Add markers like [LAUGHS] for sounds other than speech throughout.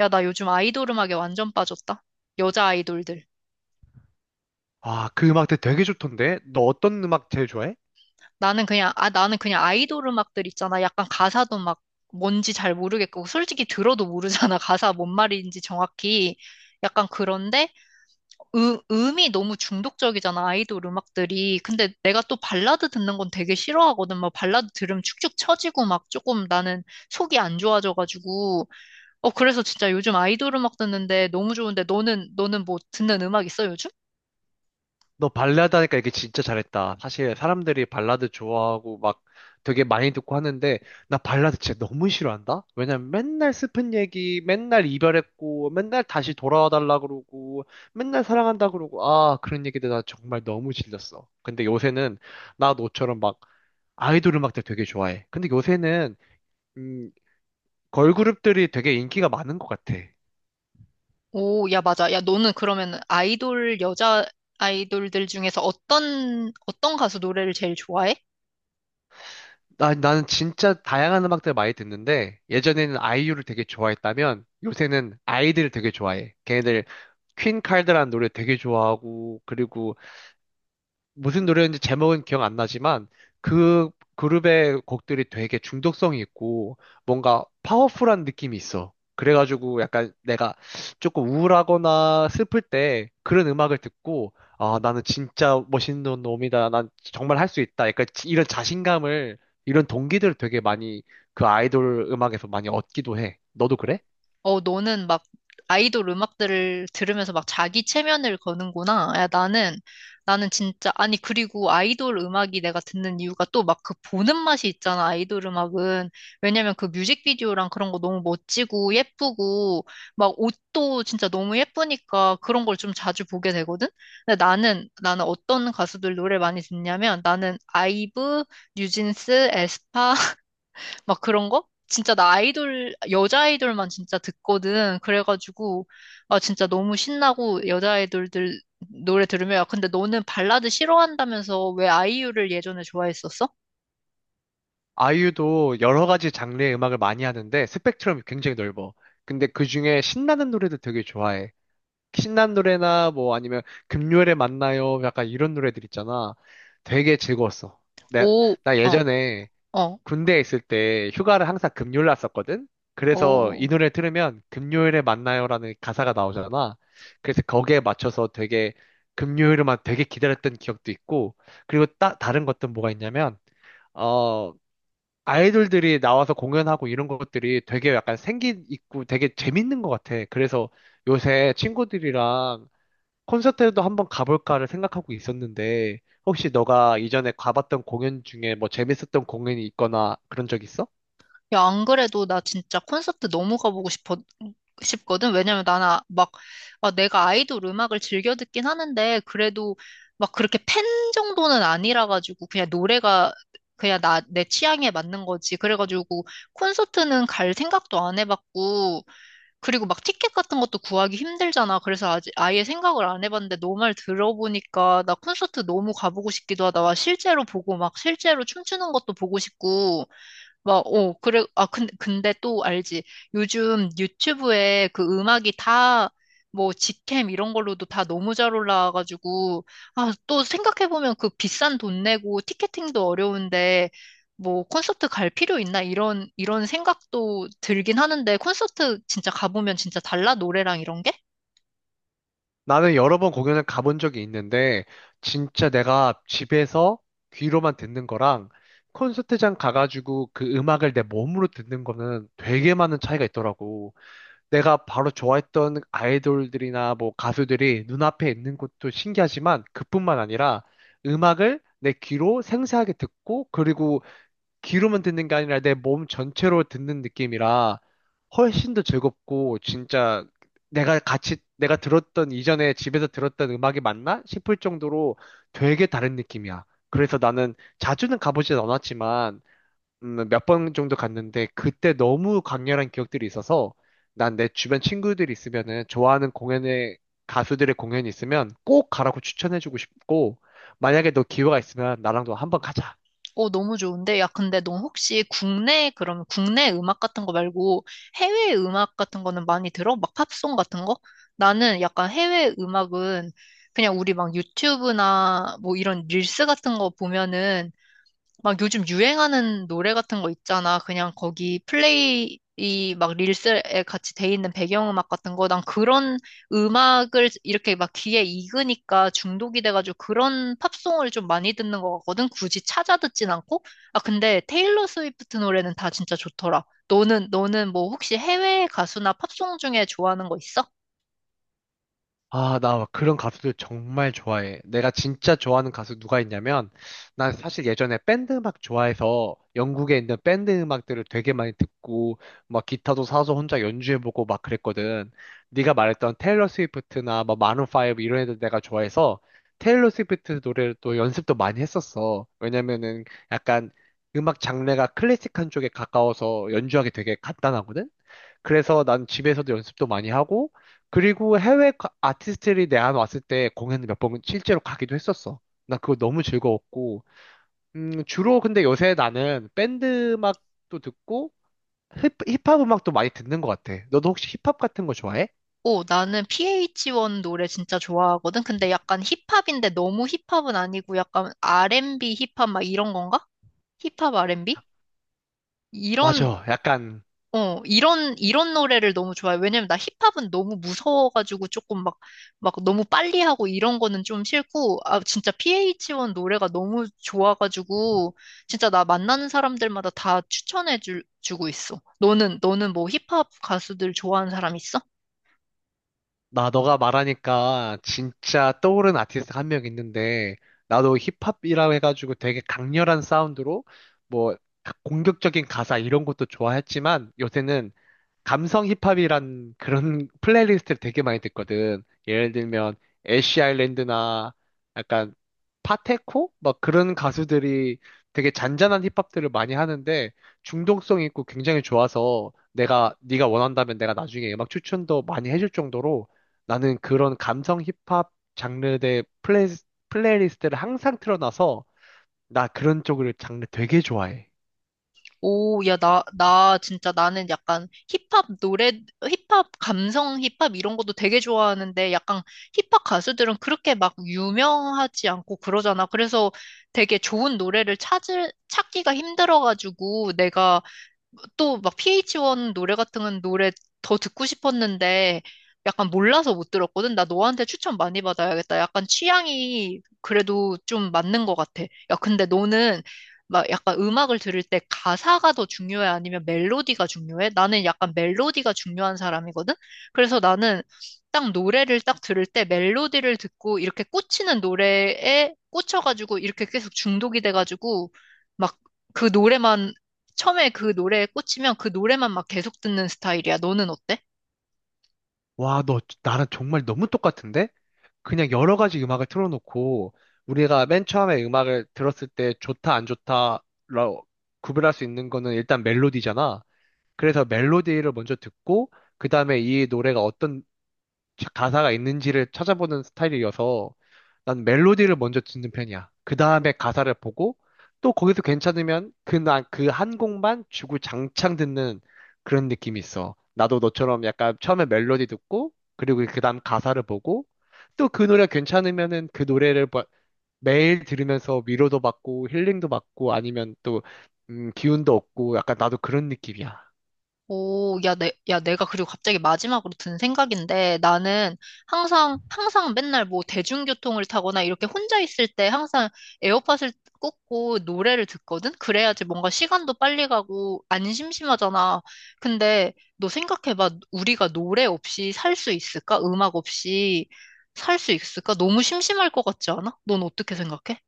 야, 나 요즘 아이돌 음악에 완전 빠졌다. 여자 아이돌들. 아, 그 음악들 되게 좋던데? 너 어떤 음악 제일 좋아해? 나는 그냥 아이돌 음악들 있잖아. 약간 가사도 막 뭔지 잘 모르겠고, 솔직히 들어도 모르잖아. [LAUGHS] 가사 뭔 말인지 정확히. 약간 그런데, 음이 너무 중독적이잖아. 아이돌 음악들이. 근데 내가 또 발라드 듣는 건 되게 싫어하거든. 막 발라드 들으면 축축 처지고 막 조금 나는 속이 안 좋아져가지고. 어, 그래서 진짜 요즘 아이돌 음악 듣는데 너무 좋은데 너는 뭐 듣는 음악 있어, 요즘? 너 발라드 하니까 이게 진짜 잘했다. 사실 사람들이 발라드 좋아하고 막 되게 많이 듣고 하는데 나 발라드 진짜 너무 싫어한다? 왜냐면 맨날 슬픈 얘기, 맨날 이별했고, 맨날 다시 돌아와 달라 그러고, 맨날 사랑한다 그러고, 아, 그런 얘기들 나 정말 너무 질렸어. 근데 요새는 나 너처럼 막 아이돌 음악들 되게 좋아해. 근데 요새는, 음, 걸그룹들이 되게 인기가 많은 것 같아. 오, 야, 맞아. 야, 너는 그러면 아이돌, 여자 아이돌들 중에서 어떤 가수 노래를 제일 좋아해? 나는 진짜 다양한 음악들을 많이 듣는데, 예전에는 아이유를 되게 좋아했다면, 요새는 아이들을 되게 좋아해. 걔네들 퀸 칼드라는 노래 되게 좋아하고, 그리고 무슨 노래였는지 제목은 기억 안 나지만 그 그룹의 곡들이 되게 중독성이 있고 뭔가 파워풀한 느낌이 있어. 그래가지고 약간 내가 조금 우울하거나 슬플 때 그런 음악을 듣고, 아, 나는 진짜 멋있는 놈이다. 난 정말 할 수 있다. 약간 이런 자신감을, 이런 동기들을 되게 많이 그 아이돌 음악에서 많이 얻기도 해. 너도 그래? 어, 너는 막 아이돌 음악들을 들으면서 막 자기 체면을 거는구나. 야, 나는 진짜, 아니, 그리고 아이돌 음악이 내가 듣는 이유가 또 막 그 보는 맛이 있잖아, 아이돌 음악은. 왜냐면 그 뮤직비디오랑 그런 거 너무 멋지고 예쁘고, 막 옷도 진짜 너무 예쁘니까 그런 걸 좀 자주 보게 되거든? 근데 나는 어떤 가수들 노래 많이 듣냐면 나는 아이브, 뉴진스, 에스파, 막 그런 거? 진짜 나 아이돌, 여자 아이돌만 진짜 듣거든. 그래가지고, 아, 진짜 너무 신나고, 여자 아이돌들 노래 들으면, 야, 근데 너는 발라드 싫어한다면서 왜 아이유를 예전에 좋아했었어? 아이유도 여러 가지 장르의 음악을 많이 하는데 스펙트럼이 굉장히 넓어. 근데 그 중에 신나는 노래도 되게 좋아해. 신난 노래나 뭐 아니면 금요일에 만나요, 약간 이런 노래들 있잖아. 되게 즐거웠어. 내, 오, 나 어, 예전에 어, 군대에 있을 때 휴가를 항상 금요일 났었거든? 그래서 이 오. 노래 들으면 금요일에 만나요라는 가사가 나오잖아. 그래서 거기에 맞춰서 되게 금요일만 되게 기다렸던 기억도 있고, 그리고 다른 것들은 뭐가 있냐면, 어 아이돌들이 나와서 공연하고 이런 것들이 되게 약간 생기 있고 되게 재밌는 것 같아. 그래서 요새 친구들이랑 콘서트에도 한번 가볼까를 생각하고 있었는데, 혹시 너가 이전에 가봤던 공연 중에 뭐 재밌었던 공연이 있거나 그런 적 있어? 야, 안 그래도 나 진짜 콘서트 너무 가보고 싶거든. 왜냐면 나는 막, 아, 내가 아이돌 음악을 즐겨 듣긴 하는데, 그래도 막 그렇게 팬 정도는 아니라가지고, 그냥 노래가 그냥 내 취향에 맞는 거지. 그래가지고, 콘서트는 갈 생각도 안 해봤고, 그리고 막 티켓 같은 것도 구하기 힘들잖아. 그래서 아직 아예 생각을 안 해봤는데, 너 말 들어보니까 나 콘서트 너무 가보고 싶기도 하다. 와, 실제로 보고 막 실제로 춤추는 것도 보고 싶고, 막, 그래, 아, 근데 또 알지. 요즘 유튜브에 그 음악이 다, 뭐, 직캠 이런 걸로도 다 너무 잘 올라와가지고, 아, 또 생각해보면 그 비싼 돈 내고 티켓팅도 어려운데, 뭐, 콘서트 갈 필요 있나? 이런 생각도 들긴 하는데, 콘서트 진짜 가보면 진짜 달라? 노래랑 이런 게? 나는 여러 번 공연을 가본 적이 있는데, 진짜 내가 집에서 귀로만 듣는 거랑 콘서트장 가가지고 그 음악을 내 몸으로 듣는 거는 되게 많은 차이가 있더라고. 내가 바로 좋아했던 아이돌들이나 뭐 가수들이 눈앞에 있는 것도 신기하지만, 그뿐만 아니라 음악을 내 귀로 생생하게 듣고, 그리고 귀로만 듣는 게 아니라 내 몸 전체로 듣는 느낌이라 훨씬 더 즐겁고, 진짜 내가 같이 내가 들었던, 이전에 집에서 들었던 음악이 맞나 싶을 정도로 되게 다른 느낌이야. 그래서 나는 자주는 가보진 않았지만 몇번 정도 갔는데 그때 너무 강렬한 기억들이 있어서, 난 내 주변 친구들이 있으면은 좋아하는 공연에, 가수들의 공연이 있으면 꼭 가라고 추천해주고 싶고, 만약에 너 기회가 있으면 나랑도 한번 가자. 어, 너무 좋은데? 야, 근데 너 혹시 국내 음악 같은 거 말고 해외 음악 같은 거는 많이 들어? 막 팝송 같은 거? 나는 약간 해외 음악은 그냥 우리 막 유튜브나 뭐 이런 릴스 같은 거 보면은 막 요즘 유행하는 노래 같은 거 있잖아. 그냥 거기 플레이 막 릴스에 같이 돼 있는 배경음악 같은 거. 난 그런 음악을 이렇게 막 귀에 익으니까 중독이 돼가지고 그런 팝송을 좀 많이 듣는 것 같거든. 굳이 찾아 듣진 않고. 아, 근데 테일러 스위프트 노래는 다 진짜 좋더라. 너는 뭐 혹시 해외 가수나 팝송 중에 좋아하는 거 있어? 아, 나 그런 가수들 정말 좋아해. 내가 진짜 좋아하는 가수 누가 있냐면, 난 사실 예전에 밴드 음악 좋아해서 영국에 있는 밴드 음악들을 되게 많이 듣고, 막 기타도 사서 혼자 연주해보고 막 그랬거든. 네가 말했던 테일러 스위프트나 막 마룬 파이브 이런 애들 내가 좋아해서 테일러 스위프트 노래를 또 연습도 많이 했었어. 왜냐면은 약간 음악 장르가 클래식한 쪽에 가까워서 연주하기 되게 간단하거든? 그래서 난 집에서도 연습도 많이 하고, 그리고 해외 아티스트들이 내한 왔을 때 공연을 몇 번 실제로 가기도 했었어. 나 그거 너무 즐거웠고, 주로 근데 요새 나는 밴드 음악도 듣고 힙합 음악도 많이 듣는 것 같아. 너도 혹시 힙합 같은 거 좋아해? 오, 나는 PH1 노래 진짜 좋아하거든. 근데 약간 힙합인데 너무 힙합은 아니고 약간 R&B 힙합 막 이런 건가? 힙합 R&B? 이런, 맞아, 약간. 이런 노래를 너무 좋아해. 왜냐면 나 힙합은 너무 무서워가지고 조금 막 너무 빨리 하고 이런 거는 좀 싫고, 아, 진짜 PH1 노래가 너무 좋아가지고, 진짜 나 만나는 사람들마다 다 추천해 주고 있어. 너는 뭐 힙합 가수들 좋아하는 사람 있어? 나 너가 말하니까 진짜 떠오른 아티스트 한 명 있는데, 나도 힙합이라고 해가지고 되게 강렬한 사운드로 뭐 공격적인 가사 이런 것도 좋아했지만, 요새는 감성 힙합이란 그런 [LAUGHS] 플레이리스트를 되게 많이 듣거든. 예를 들면 애쉬 아일랜드나 약간 파테코, 막 그런 가수들이 되게 잔잔한 힙합들을 많이 하는데 중독성 있고 굉장히 좋아서, 내가, 네가 원한다면 내가 나중에 음악 추천도 많이 해줄 정도로 나는 그런 감성 힙합 장르의 플레이, 플레이리스트를 항상 틀어놔서 나 그런 쪽을 장르 되게 좋아해. 오, 야, 나 진짜 나는 약간 힙합 감성 힙합 이런 것도 되게 좋아하는데 약간 힙합 가수들은 그렇게 막 유명하지 않고 그러잖아. 그래서 되게 좋은 노래를 찾기가 힘들어가지고 내가 또 막 PH1 노래 같은 건 노래 더 듣고 싶었는데 약간 몰라서 못 들었거든. 나 너한테 추천 많이 받아야겠다. 약간 취향이 그래도 좀 맞는 것 같아. 야, 근데 너는 막 약간 음악을 들을 때 가사가 더 중요해? 아니면 멜로디가 중요해? 나는 약간 멜로디가 중요한 사람이거든? 그래서 나는 딱 노래를 딱 들을 때 멜로디를 듣고 이렇게 꽂히는 노래에 꽂혀가지고 이렇게 계속 중독이 돼가지고 막 그 노래만 처음에 그 노래에 꽂히면 그 노래만 막 계속 듣는 스타일이야. 너는 어때? 와, 너 나랑 정말 너무 똑같은데? 그냥 여러 가지 음악을 틀어놓고 우리가 맨 처음에 음악을 들었을 때 좋다 안 좋다라고 구별할 수 있는 거는 일단 멜로디잖아. 그래서 멜로디를 먼저 듣고 그다음에 이 노래가 어떤 가사가 있는지를 찾아보는 스타일이어서 난 멜로디를 먼저 듣는 편이야. 그 다음에 가사를 보고 또 거기서 괜찮으면 그날 그한 곡만 주구장창 듣는 그런 느낌이 있어. 나도 너처럼 약간 처음에 멜로디 듣고 그리고 그 다음 가사를 보고 또 그 노래 괜찮으면은 그 노래를 매일 들으면서 위로도 받고 힐링도 받고 아니면 또 기운도 얻고, 약간 나도 그런 느낌이야. 오, 야, 야, 내가 그리고 갑자기 마지막으로 든 생각인데 나는 항상 맨날 뭐 대중교통을 타거나 이렇게 혼자 있을 때 항상 에어팟을 꽂고 노래를 듣거든? 그래야지 뭔가 시간도 빨리 가고 안 심심하잖아. 근데 너 생각해봐. 우리가 노래 없이 살 수 있을까? 음악 없이 살 수 있을까? 너무 심심할 것 같지 않아? 넌 어떻게 생각해?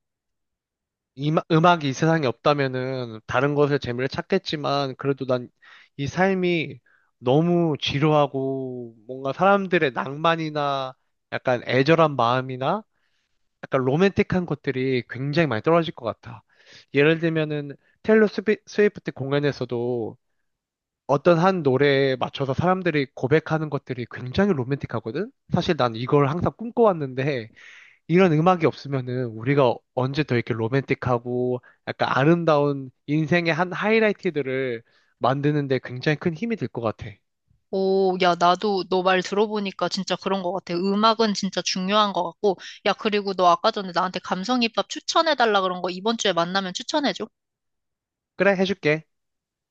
음악이 이 세상에 없다면은 다른 것에 재미를 찾겠지만, 그래도 난 이 삶이 너무 지루하고 뭔가 사람들의 낭만이나 약간 애절한 마음이나 약간 로맨틱한 것들이 굉장히 많이 떨어질 것 같아. 예를 들면은 테일러 스위프트 공연에서도 어떤 한 노래에 맞춰서 사람들이 고백하는 것들이 굉장히 로맨틱하거든? 사실 난 이걸 항상 꿈꿔왔는데, 이런 음악이 없으면은 우리가 언제 더 이렇게 로맨틱하고 약간 아름다운 인생의 한 하이라이트들을 만드는데 굉장히 큰 힘이 될 것 같아. 오, 야, 나도 너 말 들어보니까 진짜 그런 것 같아. 음악은 진짜 중요한 것 같고. 야, 그리고 너 아까 전에 나한테 감성힙합 추천해달라 그런 거 이번 주에 만나면 추천해줘. 그래, 해줄게.